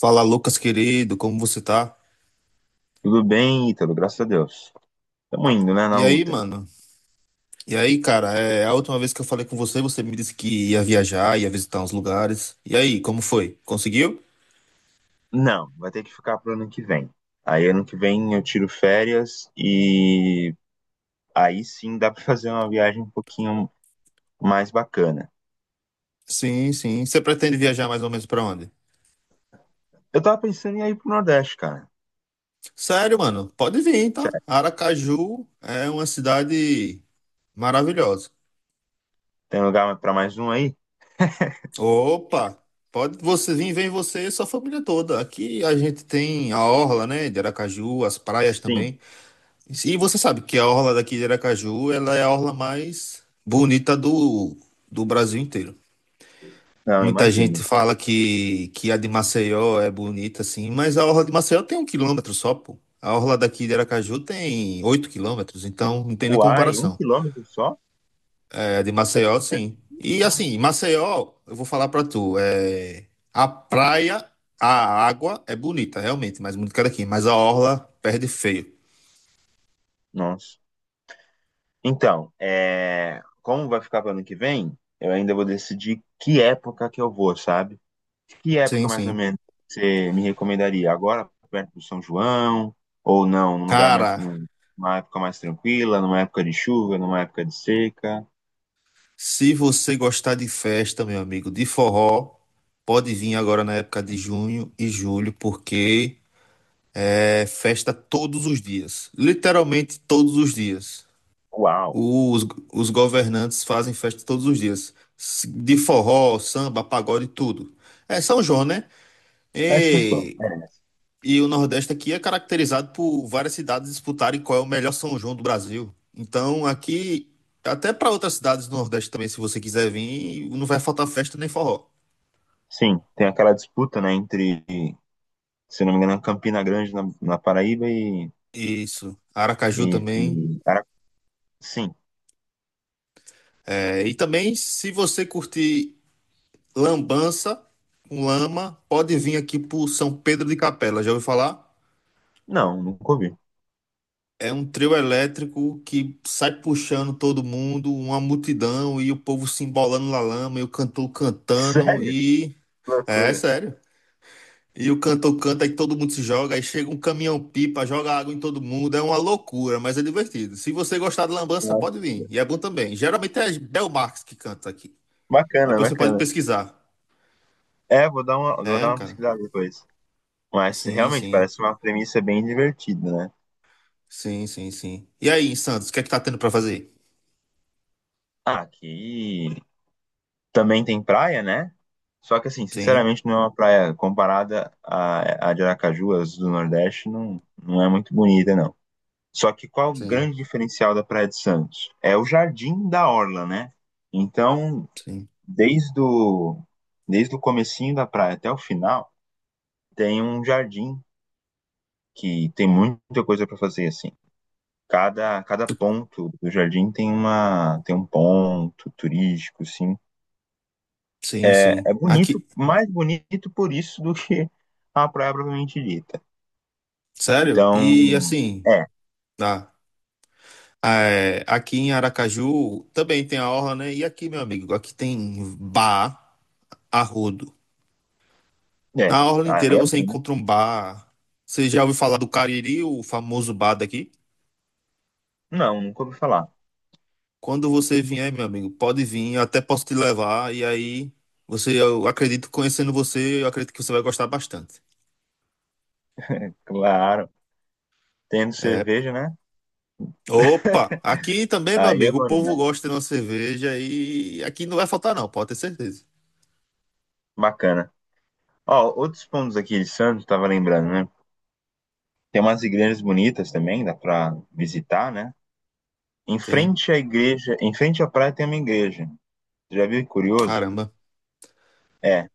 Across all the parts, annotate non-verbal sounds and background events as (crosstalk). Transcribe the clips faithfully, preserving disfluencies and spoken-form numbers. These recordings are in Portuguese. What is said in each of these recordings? Fala, Lucas, querido, como você tá? Tudo bem, Ítalo, graças a Deus. Tamo indo, né, na E aí, luta. mano? E aí, cara, é a última vez que eu falei com você, você me disse que ia viajar, ia visitar uns lugares. E aí, como foi? Conseguiu? Não, vai ter que ficar pro ano que vem. Aí ano que vem eu tiro férias e aí sim dá pra (laughs) fazer uma viagem um pouquinho mais bacana. Sim, sim. Você pretende viajar mais ou menos pra onde? Eu tava pensando em ir pro Nordeste, cara. Sério, mano, pode vir, tá? Sério, Aracaju é uma cidade maravilhosa. tem lugar pra mais um aí? Opa, pode você vir, vem você e sua família toda. Aqui a gente tem a orla, né, de Aracaju, as praias Sim. também. E você sabe que a orla daqui de Aracaju, ela é a orla mais bonita do, do Brasil inteiro. Não, Muita gente imagino. fala que, que a de Maceió é bonita, assim, mas a orla de Maceió tem um quilômetro só, pô. A orla daqui de Aracaju tem oito quilômetros, então não tem nem Uai, um comparação. quilômetro só? É, a de Maceió, É. sim. E assim, Maceió, eu vou falar pra tu, é, a praia, a água é bonita, realmente, mais bonita que a daqui, mas a orla perde feio. Nossa. Então, é... como vai ficar pro ano que vem, eu ainda vou decidir que época que eu vou, sabe? Que Sim, época, mais ou sim. menos, você me recomendaria? Agora, perto do São João? Ou não, num lugar mais, Cara, num- numa época mais tranquila, numa época de chuva, numa época de seca? se você gostar de festa, meu amigo, de forró, pode vir agora na época de junho e julho, porque é festa todos os dias. Literalmente todos os dias. Uau! Os, os governantes fazem festa todos os dias. De forró, samba, pagode, tudo. É São João, né? É São João, E merece. e o Nordeste aqui é caracterizado por várias cidades disputarem qual é o melhor São João do Brasil. Então, aqui, até para outras cidades do Nordeste também, se você quiser vir, não vai faltar festa nem forró. Sim, tem aquela disputa, né, entre, se não me engano, Campina Grande na, na Paraíba e, Isso. Aracaju e, e também. Ara- Sim, É, e também, se você curtir lambança com lama, pode vir aqui pro São Pedro de Capela. Já ouviu falar? não, nunca ouvi. É um trio elétrico que sai puxando todo mundo, uma multidão, e o povo se embolando na lama, e o cantor (laughs) cantando, Sério? e... Que É, é loucura. sério. E o cantor canta e todo mundo se joga, aí chega um caminhão-pipa, joga água em todo mundo, é uma loucura, mas é divertido. Se você gostar de lambança, pode Nossa. vir, e é bom também. Geralmente é Bel Marques que canta aqui. Bacana, Depois você pode bacana. pesquisar. É, vou dar uma, vou dar É, uma cara. pesquisada depois. Mas Sim, realmente sim. parece uma premissa bem divertida, né? Sim, sim, sim. E aí, Santos, o que é que tá tendo pra fazer? Ah, aqui também tem praia, né? Só que assim, Sim, sinceramente, não é uma praia comparada à, à de Aracaju, as do Nordeste, não, não é muito bonita, não. Só que qual o sim, grande diferencial da Praia de Santos? É o jardim da orla, né? Então, sim. desde o, desde o comecinho da praia até o final, tem um jardim que tem muita coisa para fazer assim. Cada, cada ponto do jardim tem uma tem um ponto turístico, assim, Sim, é, sim. é bonito, Aqui. mais bonito por isso do que a praia propriamente dita. Sério? Então, E assim, é, tá. É, aqui em Aracaju também tem a orla, né? E aqui, meu amigo, aqui tem bar, arrodo. é. Na orla inteira Aí é você bom, né? encontra um bar. Você já ouviu falar do Cariri, o famoso bar daqui? Não, nunca ouvi falar. Quando você vier, meu amigo, pode vir, eu até posso te levar. E aí, você, eu acredito, conhecendo você, eu acredito que você vai gostar bastante. Claro, tendo É. cerveja, né? Opa! Aqui também, meu Aí é amigo, o bom, povo né? gosta de uma cerveja e aqui não vai faltar, não, pode ter certeza. Bacana. Ó, outros pontos aqui de Santos, tava lembrando, né? Tem umas igrejas bonitas também, dá pra visitar, né? Em Sim, frente à igreja, em frente à praia tem uma igreja. Já viu? Que curioso! caramba. É,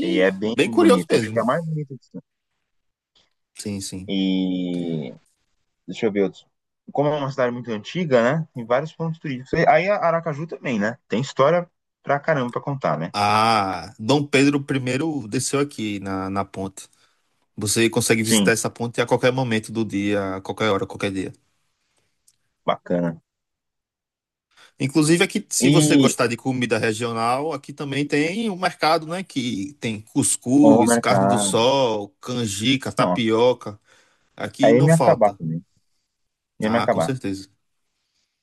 e é bem bem curioso bonita. Acho mesmo. que é a mais bonita de Santos. Sim, sim. E deixa eu ver outros. Como é uma cidade muito antiga, né? Tem vários pontos turísticos. E aí a Aracaju também, né? Tem história pra caramba pra contar, né? Ah, Dom Pedro Primeiro desceu aqui na, na ponte. Você consegue visitar Sim, essa ponte a qualquer momento do dia, a qualquer hora, qualquer dia. bacana. Inclusive aqui, se você E gostar de comida regional, aqui também tem um mercado, né, que tem ó, o cuscuz, carne do mercado. sol, canjica, Não, tapioca. Aqui aí ia não me acabar falta. também. Ia me Ah, com acabar. certeza.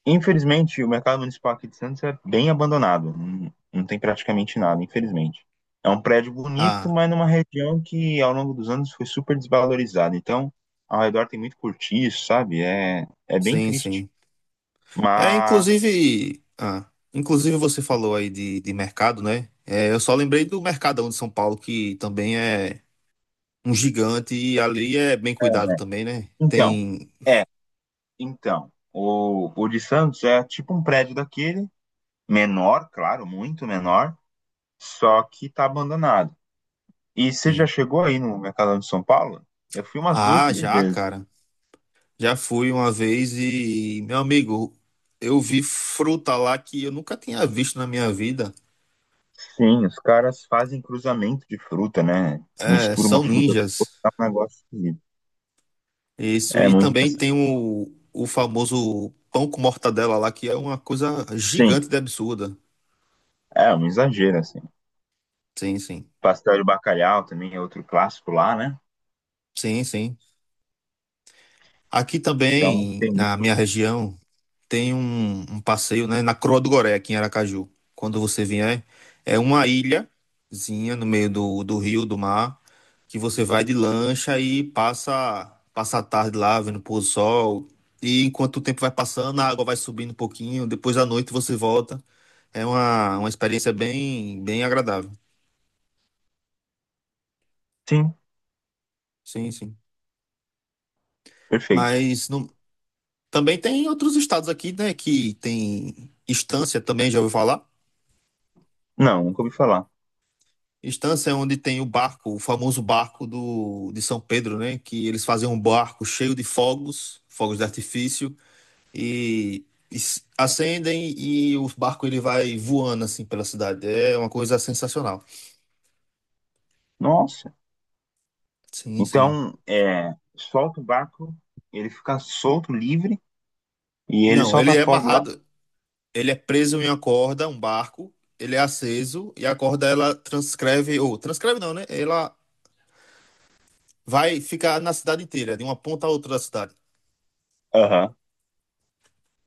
Infelizmente, o mercado municipal aqui de Santos é bem abandonado. Não, não tem praticamente nada, infelizmente. É um prédio bonito, Ah, mas numa região que ao longo dos anos foi super desvalorizada. Então, ao redor tem muito cortiço, sabe? É, é bem sim, triste. sim. É, Mas inclusive, ah, inclusive você falou aí de, de mercado, né? É, eu só lembrei do Mercadão de São Paulo, que também é um gigante e ali é bem cuidado também, né? Então, Tem é, então, o, o de Santos é tipo um prédio daquele, menor, claro, muito menor, só que tá abandonado. E você já sim. chegou aí no Mercadão de São Paulo? Eu fui umas duas, Ah, três já, vezes. cara. Já fui uma vez e, meu amigo, eu vi fruta lá que eu nunca tinha visto na minha vida. Sim, os caras fazem cruzamento de fruta, né? É, Mistura uma são fruta com ninjas. outra, dá um negócio esquisito. Isso. É E muito também engraçado. tem o, o famoso pão com mortadela lá, que é uma coisa Sim, gigante de absurda. é um exagero, assim. Sim, sim. Pastel de bacalhau também é outro clássico lá, né? Sim, sim. Aqui Então também, tem na muito. minha região, tem um, um passeio, né, na Croa do Goré, aqui em Aracaju. Quando você vier, é uma ilhazinha no meio do, do rio, do mar, que você vai de lancha e passa, passa a tarde lá, vendo o pôr do sol. E enquanto o tempo vai passando, a água vai subindo um pouquinho, depois à noite você volta. É uma, uma experiência bem, bem agradável. Sim, Sim, sim. perfeito. Mas não- também tem outros estados aqui, né, que tem Estância também, já ouviu falar? Não, nunca ouvi falar. Estância é onde tem o barco, o famoso barco do, de São Pedro, né? Que eles fazem um barco cheio de fogos, fogos de artifício, e, e s- acendem e o barco ele vai voando assim pela cidade. É uma coisa sensacional. Nossa. Sim, sim. Então, é, solta o barco, ele fica solto, livre, e ele Não, ele solta é fogo lá. amarrado, ele é preso em uma corda, um barco, ele é aceso e a corda ela transcreve, ou transcreve não, né? Ela vai ficar na cidade inteira, de uma ponta a outra da cidade. Aham.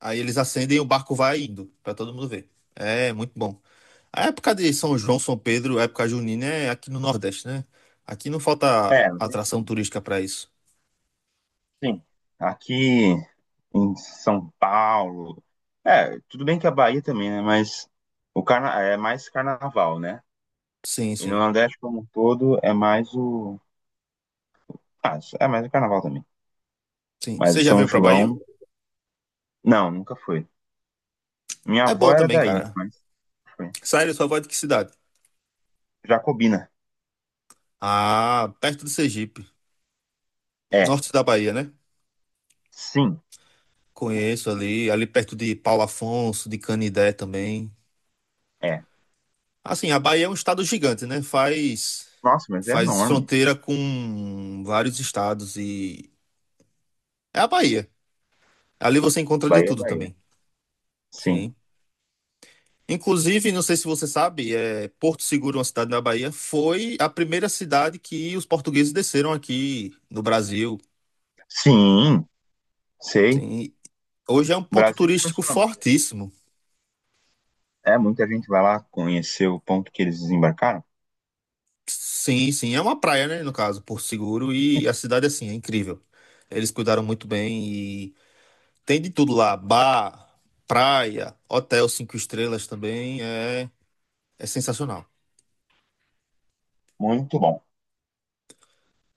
Aí eles acendem e o barco vai indo, pra todo mundo ver. É muito bom. A época de São João, São Pedro, a época junina é aqui no Nordeste, né? Aqui não falta É, atração turística pra isso. sim. Aqui em São Paulo. É, tudo bem que a Bahia também, né? Mas o carna... é mais carnaval, né? Sim, E no sim, Nordeste como um todo é mais o. Ah, é mais o carnaval também. sim. Mas o Você já São veio pra Bahia? João. Não, nunca foi. Minha É avó bom era também, daí, cara. mas foi. Sério, sua voz de que cidade? Jacobina. Ah, perto do Sergipe, É, norte da Bahia, né? sim, Conheço ali, ali perto de Paulo Afonso, de Canidé também. é. Assim, a Bahia é um estado gigante, né? Faz Nossa, mas é faz enorme. fronteira com vários estados e é a Bahia. Ali você encontra de Bahia é tudo Bahia. também. Sim. Sim. Inclusive, não sei se você sabe, é, Porto Seguro, uma cidade na Bahia, foi a primeira cidade que os portugueses desceram aqui no Brasil. Sim, sei. Sim, hoje é um O ponto Brasil turístico começou na. fortíssimo. É, muita gente vai lá conhecer o ponto que eles desembarcaram. Sim, sim, é uma praia, né, no caso, Porto Seguro, e a cidade, assim, é incrível. Eles cuidaram muito bem e tem de tudo lá, bar, praia, hotel cinco estrelas também, é, é sensacional. Muito bom.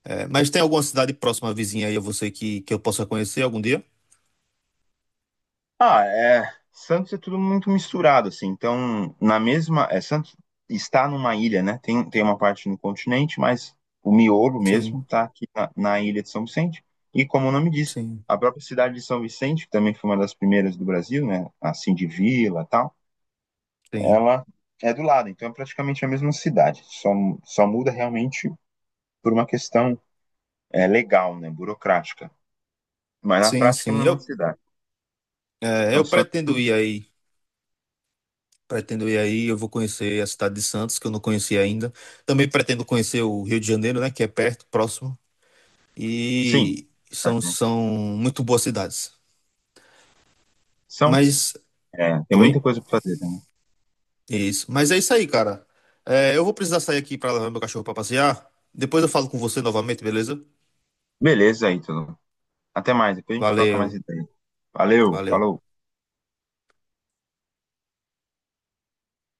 É, mas tem alguma cidade próxima, vizinha aí a você que, que eu possa conhecer algum dia? Ah, é. Santos é tudo muito misturado, assim. Então, na mesma. É, Santos está numa ilha, né? Tem, tem uma parte no continente, mas o miolo Sim, mesmo está aqui na, na ilha de São Vicente. E como o nome diz, sim, a própria cidade de São Vicente, que também foi uma das primeiras do Brasil, né? Assim, de vila e tal, sim. ela é do lado. Então, é praticamente a mesma cidade. Só, só muda realmente por uma questão é, legal, né, burocrática, mas na Sim, prática é a sim. mesma Eu, cidade. é, Então, eu são, pretendo ir aí. Pretendo ir aí. Eu vou conhecer a cidade de Santos, que eu não conheci ainda. Também pretendo conhecer o Rio de Janeiro, né? Que é perto, próximo. sim, E tá, são, gente? são muito boas cidades. são, Mas. é, tem muita Oi? coisa para fazer. Né? Isso. Mas é isso aí, cara. É, eu vou precisar sair aqui para levar meu cachorro para passear. Depois eu falo com você novamente, beleza? Beleza aí, tudo. Até mais, depois a gente troca mais Valeu. ideia. Valeu, Valeu. falou.